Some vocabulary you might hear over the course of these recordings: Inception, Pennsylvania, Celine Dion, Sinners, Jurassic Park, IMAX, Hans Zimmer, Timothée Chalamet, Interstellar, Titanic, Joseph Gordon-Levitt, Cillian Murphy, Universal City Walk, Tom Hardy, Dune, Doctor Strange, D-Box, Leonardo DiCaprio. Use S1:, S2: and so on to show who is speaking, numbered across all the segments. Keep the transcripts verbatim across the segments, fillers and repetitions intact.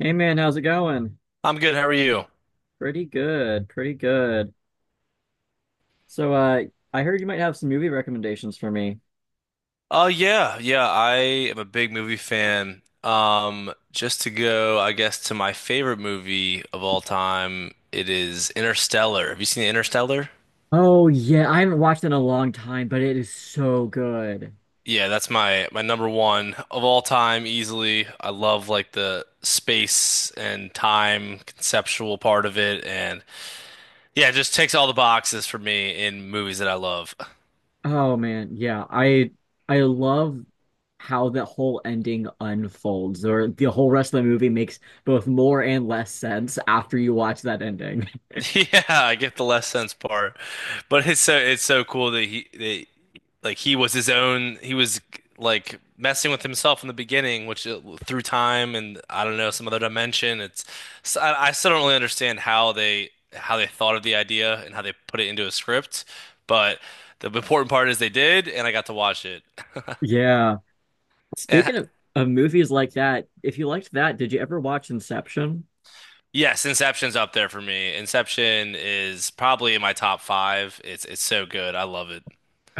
S1: Hey man, how's it going?
S2: I'm good. How are you?
S1: Pretty good, pretty good. So, uh, I heard you might have some movie recommendations for me.
S2: Oh yeah, yeah. I am a big movie fan. Um, just to go, I guess, to my favorite movie of all time, it is Interstellar. Have you seen Interstellar?
S1: Oh yeah, I haven't watched it in a long time, but it is so good.
S2: Yeah, that's my my number one of all time, easily. I love like the space and time conceptual part of it, and yeah, it just takes all the boxes for me in movies that I love.
S1: Oh man, yeah, I I love how the whole ending unfolds, or the whole rest of the movie makes both more and less sense after you watch that ending.
S2: Yeah, I get the less sense part, but it's so it's so cool that he that like he was his own. He was like messing with himself in the beginning, which uh, through time and I don't know some other dimension. It's so I, I still don't really understand how they how they thought of the idea and how they put it into a script, but the important part is they did, and I got to watch it.
S1: Yeah.
S2: And
S1: Speaking of, of movies like that, if you liked that, did you ever watch Inception?
S2: yes, Inception's up there for me. Inception is probably in my top five. It's it's so good. I love it.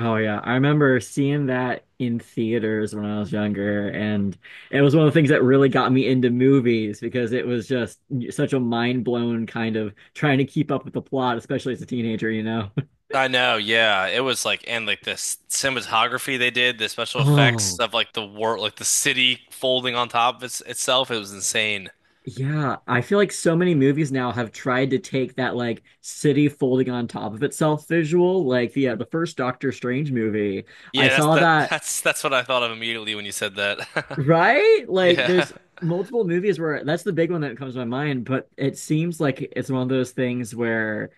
S1: Oh yeah, I remember seeing that in theaters when I was younger, and it was one of the things that really got me into movies because it was just such a mind-blown kind of trying to keep up with the plot, especially as a teenager, you know.
S2: I know, yeah. It was like and like the s- cinematography they did, the special effects
S1: Oh,
S2: of like the war, like the city folding on top of its, itself. It was insane.
S1: yeah. I feel like so many movies now have tried to take that like city folding on top of itself visual. Like the uh, the first Doctor Strange movie, I
S2: Yeah, that's
S1: saw
S2: that.
S1: that.
S2: That's that's what I thought of immediately when you said that.
S1: Right? Like
S2: Yeah,
S1: there's multiple movies where that's the big one that comes to my mind, but it seems like it's one of those things where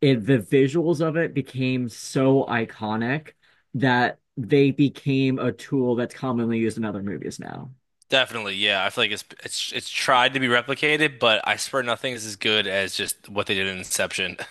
S1: it, the visuals of it became so iconic that they became a tool that's commonly used in other movies now.
S2: definitely. Yeah, I feel like it's it's it's tried to be replicated, but I swear nothing is as good as just what they did in Inception.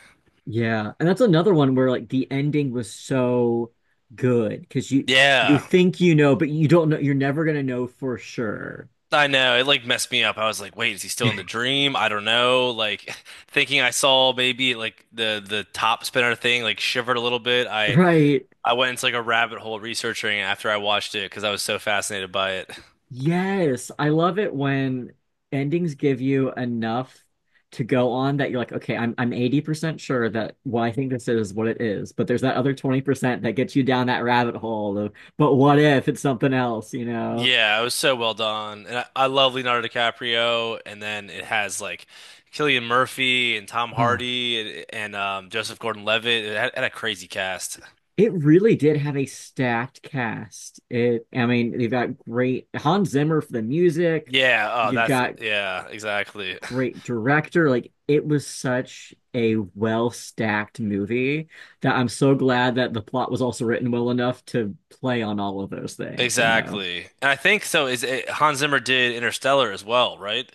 S1: Yeah. And that's another one where like the ending was so good because you you
S2: Yeah,
S1: think you know, but you don't know, you're never gonna know for sure.
S2: I know. It like messed me up. I was like, wait, is he still in the dream? I don't know. Like thinking I saw maybe like the the top spinner thing like shivered a little bit. I
S1: Right.
S2: I went into like a rabbit hole researching it after I watched it because I was so fascinated by it.
S1: Yes, I love it when endings give you enough to go on that you're like, okay, I'm I'm eighty percent sure that, well, I think this is what it is, but there's that other twenty percent that gets you down that rabbit hole of, but what if it's something else, you know?
S2: Yeah, it was so well done. And I, I love Leonardo DiCaprio. And then it has like Cillian Murphy and Tom
S1: Oh,
S2: Hardy and, and um, Joseph Gordon-Levitt. It had, had a crazy cast.
S1: it really did have a stacked cast. It, I mean, they've got great Hans Zimmer for the music.
S2: Yeah, oh,
S1: You've
S2: that's,
S1: got
S2: yeah, exactly.
S1: great director. Like it was such a well stacked movie that I'm so glad that the plot was also written well enough to play on all of those things, you know.
S2: Exactly. And I think so is it, Hans Zimmer did Interstellar as well, right?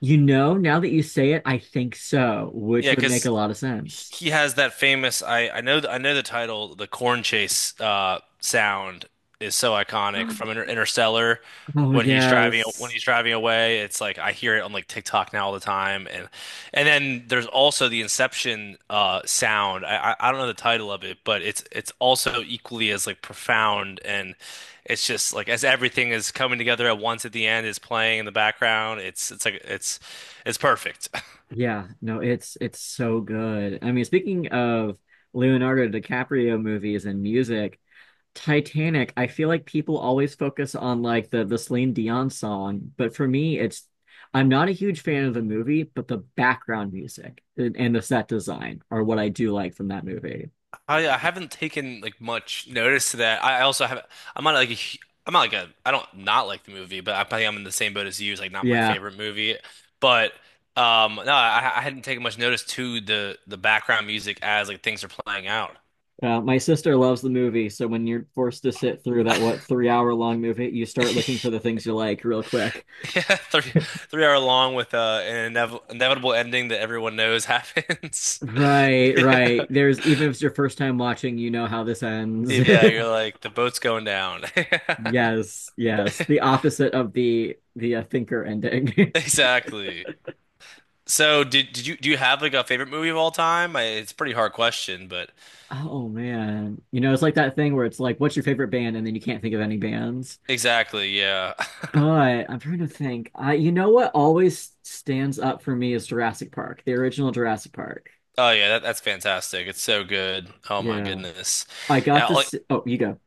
S1: You know, now that you say it, I think so, which
S2: Yeah,
S1: would make a
S2: because
S1: lot of sense.
S2: he has that famous. I I know I know the title. The corn chase uh, sound is so iconic from Inter Interstellar
S1: Oh
S2: when he's driving when
S1: yes.
S2: he's driving away. It's like I hear it on like TikTok now all the time, and and then there's also the Inception uh, sound. I, I I don't know the title of it, but it's it's also equally as like profound, and it's just like as everything is coming together at once at the end is playing in the background. It's it's like it's it's perfect.
S1: Yeah, no, it's it's so good. I mean, speaking of Leonardo DiCaprio movies and music, Titanic, I feel like people always focus on like the the Celine Dion song, but for me, it's I'm not a huge fan of the movie, but the background music and, and the set design are what I do like from that movie.
S2: I, I haven't taken like much notice to that. I I also have I'm not like a, hu- I'm not like a I don't not like the movie, but I think I'm in the same boat as you. It's like not my
S1: Yeah,
S2: favorite movie, but um no, I, I hadn't taken much notice to the the background music as like things are playing out.
S1: uh, my sister loves the movie, so when you're forced to sit through that what, three hour long movie, you start looking for the things you like real quick.
S2: Yeah, three three hour long with uh, an inev inevitable ending that everyone knows happens.
S1: Right, right.
S2: Yeah,
S1: There's even if it's your first time watching, you know how this ends.
S2: yeah, you're like the boat's going down.
S1: Yes, yes. The opposite of the the uh, thinker ending.
S2: Exactly. So did did you do you have like a favorite movie of all time? I, it's a pretty hard question, but
S1: Oh man. You know, it's like that thing where it's like, what's your favorite band? And then you can't think of any bands.
S2: exactly, yeah.
S1: But I'm trying to think. I, you know what always stands up for me is Jurassic Park, the original Jurassic Park.
S2: Oh yeah, that, that's fantastic. It's so good. Oh my
S1: Yeah.
S2: goodness.
S1: I got
S2: Yeah,
S1: to
S2: like
S1: see, oh, you go.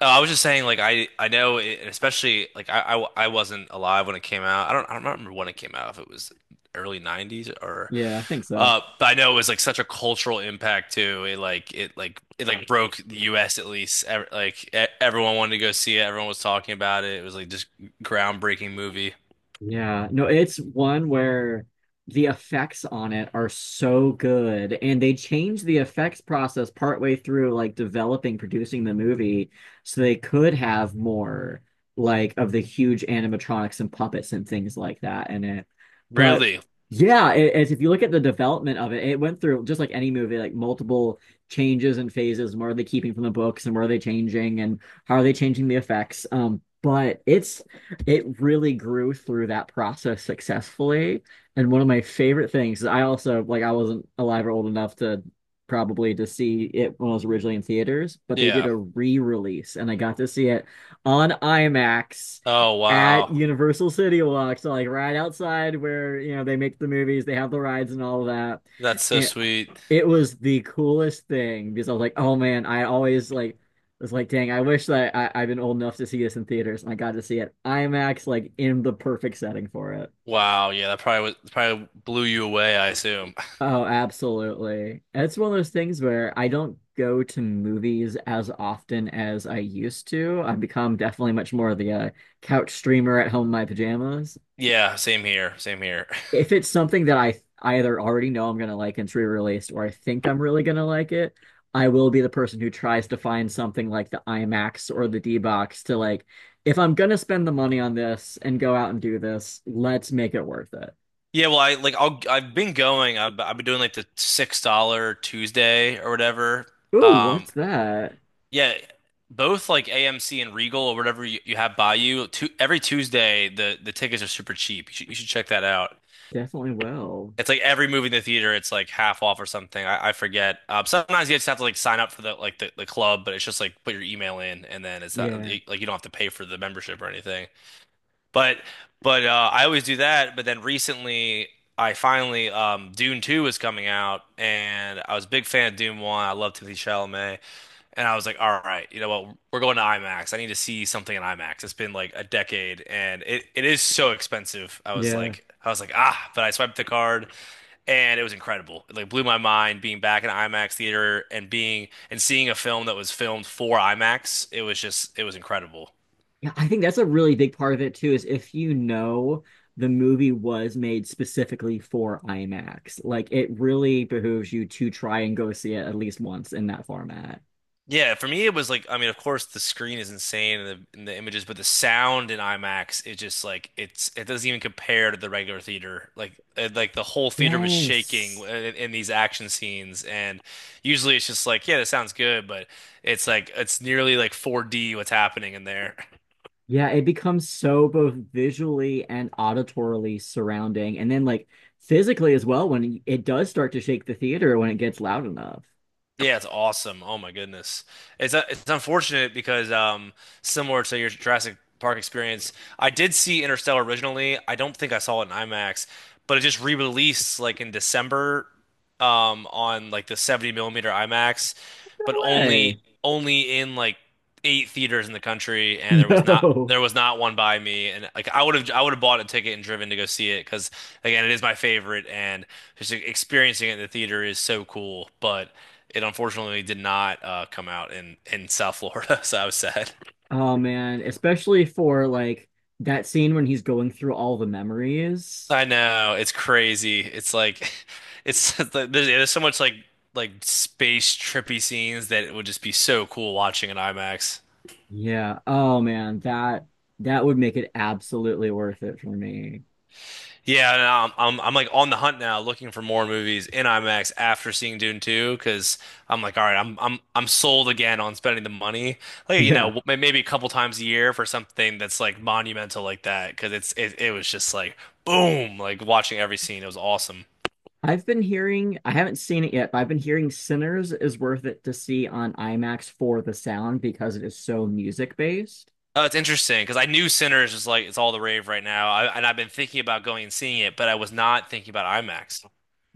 S2: uh, I was just saying, like I I know, it, especially like I, I w- I wasn't alive when it came out. I don't I don't remember when it came out. If it was early nineties, or,
S1: Yeah, I think so.
S2: uh, but I know it was like such a cultural impact too. It like it like it like broke the U S at least. Ev- Like e- everyone wanted to go see it. Everyone was talking about it. It was like just groundbreaking movie.
S1: Yeah, no, it's one where the effects on it are so good, and they changed the effects process partway through, like developing, producing the movie, so they could have more like of the huge animatronics and puppets and things like that in it. But
S2: Really?
S1: yeah, it, it's, if you look at the development of it, it went through just like any movie, like multiple changes and phases. And what are they keeping from the books, and what are they changing, and how are they changing the effects? Um, but it's it really grew through that process successfully. And one of my favorite things, I also like I wasn't alive or old enough to probably to see it when it was originally in theaters, but they did
S2: Yeah.
S1: a re-release and I got to see it on IMAX
S2: Oh
S1: at
S2: wow.
S1: Universal City Walk. So like right outside where, you know, they make the movies, they have the rides and all of that.
S2: That's so
S1: And
S2: sweet.
S1: it was the coolest thing because I was like, oh man, I always like was like, dang, I wish that I, I've been old enough to see this in theaters and I got to see it IMAX like in the perfect setting for it.
S2: Wow, yeah, that probably was probably blew you away, I assume.
S1: Oh, absolutely. It's one of those things where I don't go to movies as often as I used to. I've become definitely much more of the uh, couch streamer at home in my pajamas.
S2: Yeah, same here, same here.
S1: If it's something that I I either already know I'm gonna like and it's re-released, or I think I'm really gonna like it, I will be the person who tries to find something like the IMAX or the D-Box to like, if I'm gonna spend the money on this and go out and do this, let's make it worth it.
S2: Yeah, well, I like I'll I've been going. I've, I've been doing like the six dollar Tuesday or whatever.
S1: Ooh,
S2: Um,
S1: what's that?
S2: yeah, both like A M C and Regal or whatever you, you have by you. Tu every Tuesday, the the tickets are super cheap. You should, you should check that out.
S1: Definitely will.
S2: It's like every movie in the theater, it's like half off or something. I, I forget. Um, sometimes you just have to like sign up for the like the, the club, but it's just like put your email in, and then it's not
S1: Yeah.
S2: like you don't have to pay for the membership or anything. But but uh, I always do that. But then recently, I finally um, Dune two is coming out, and I was a big fan of Dune one. I love Timothée Chalamet, and I was like, all right, you know what? We're going to IMAX. I need to see something in IMAX. It's been like a decade and it, it is so expensive. I was
S1: Yeah.
S2: like, I was like, ah, but I swiped the card and it was incredible. It like blew my mind being back in an IMAX theater and being and seeing a film that was filmed for IMAX. It was just, it was incredible.
S1: Yeah, I think that's a really big part of it too, is if you know the movie was made specifically for IMAX, like it really behooves you to try and go see it at least once in that format.
S2: Yeah, for me it was like I mean, of course the screen is insane and the and the images, but the sound in IMAX is just like it's it doesn't even compare to the regular theater. Like it, like the whole theater was shaking
S1: Yes.
S2: in, in these action scenes, and usually it's just like yeah, that sounds good, but it's like it's nearly like four D what's happening in there.
S1: Yeah, it becomes so both visually and auditorily surrounding, and then like physically as well when it does start to shake the theater when it gets loud enough.
S2: Yeah, it's awesome. Oh my goodness. It's uh, it's unfortunate because um similar to your Jurassic Park experience, I did see Interstellar originally. I don't think I saw it in IMAX, but it just re-released like in December um on like the seventy millimeter IMAX,
S1: No
S2: but only
S1: way.
S2: only in like eight theaters in the country and there was not
S1: No.
S2: there was not one by me and like I would have I would have bought a ticket and driven to go see it because again it is my favorite and just e-, experiencing it in the theater is so cool but it unfortunately did not uh, come out in in South Florida, so I was sad.
S1: Oh man, especially for like that scene when he's going through all the memories.
S2: I know it's crazy. It's like it's there's, yeah, there's so much like like space trippy scenes that it would just be so cool watching in IMAX.
S1: Yeah. Oh man, that that would make it absolutely worth it for me.
S2: Yeah, and I'm, I'm I'm like on the hunt now, looking for more movies in IMAX after seeing Dune two, because I'm like, all right, I'm I'm I'm sold again on spending the money, like you know,
S1: Yeah.
S2: w- may- maybe a couple times a year for something that's like monumental like that, because it's it, it was just like boom, like watching every scene, it was awesome.
S1: I've been hearing, I haven't seen it yet, but I've been hearing Sinners is worth it to see on IMAX for the sound because it is so music based.
S2: Oh, it's interesting because I knew Sinners is like it's all the rave right now, I, and I've been thinking about going and seeing it, but I was not thinking about IMAX.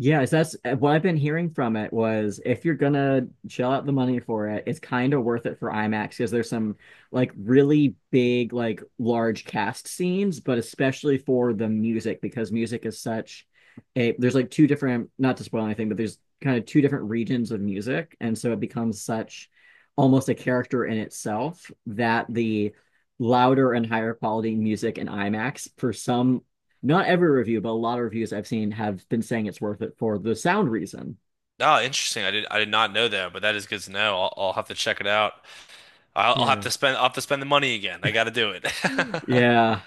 S1: Yeah, so that's eh, what I've been hearing from it was if you're gonna shell out the money for it, it's kind of worth it for IMAX because there's some like really big, like large cast scenes, but especially for the music because music is such a there's like two different, not to spoil anything, but there's kind of two different regions of music, and so it becomes such almost a character in itself that the louder and higher quality music in IMAX for some not every review, but a lot of reviews I've seen have been saying it's worth it for the sound reason.
S2: Oh, interesting. I did I did not know that, but that is good to know. I'll, I'll have to check it out. I'll, I'll have
S1: Yeah.
S2: to spend I'll have to spend the money again. I got to do it.
S1: Yeah.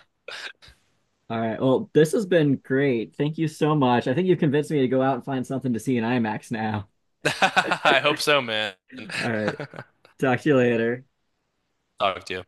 S1: All right. Well, this has been great. Thank you so much. I think you've convinced me to go out and find something to see in IMAX now.
S2: I hope so, man.
S1: All right. Talk to you later.
S2: Talk to you.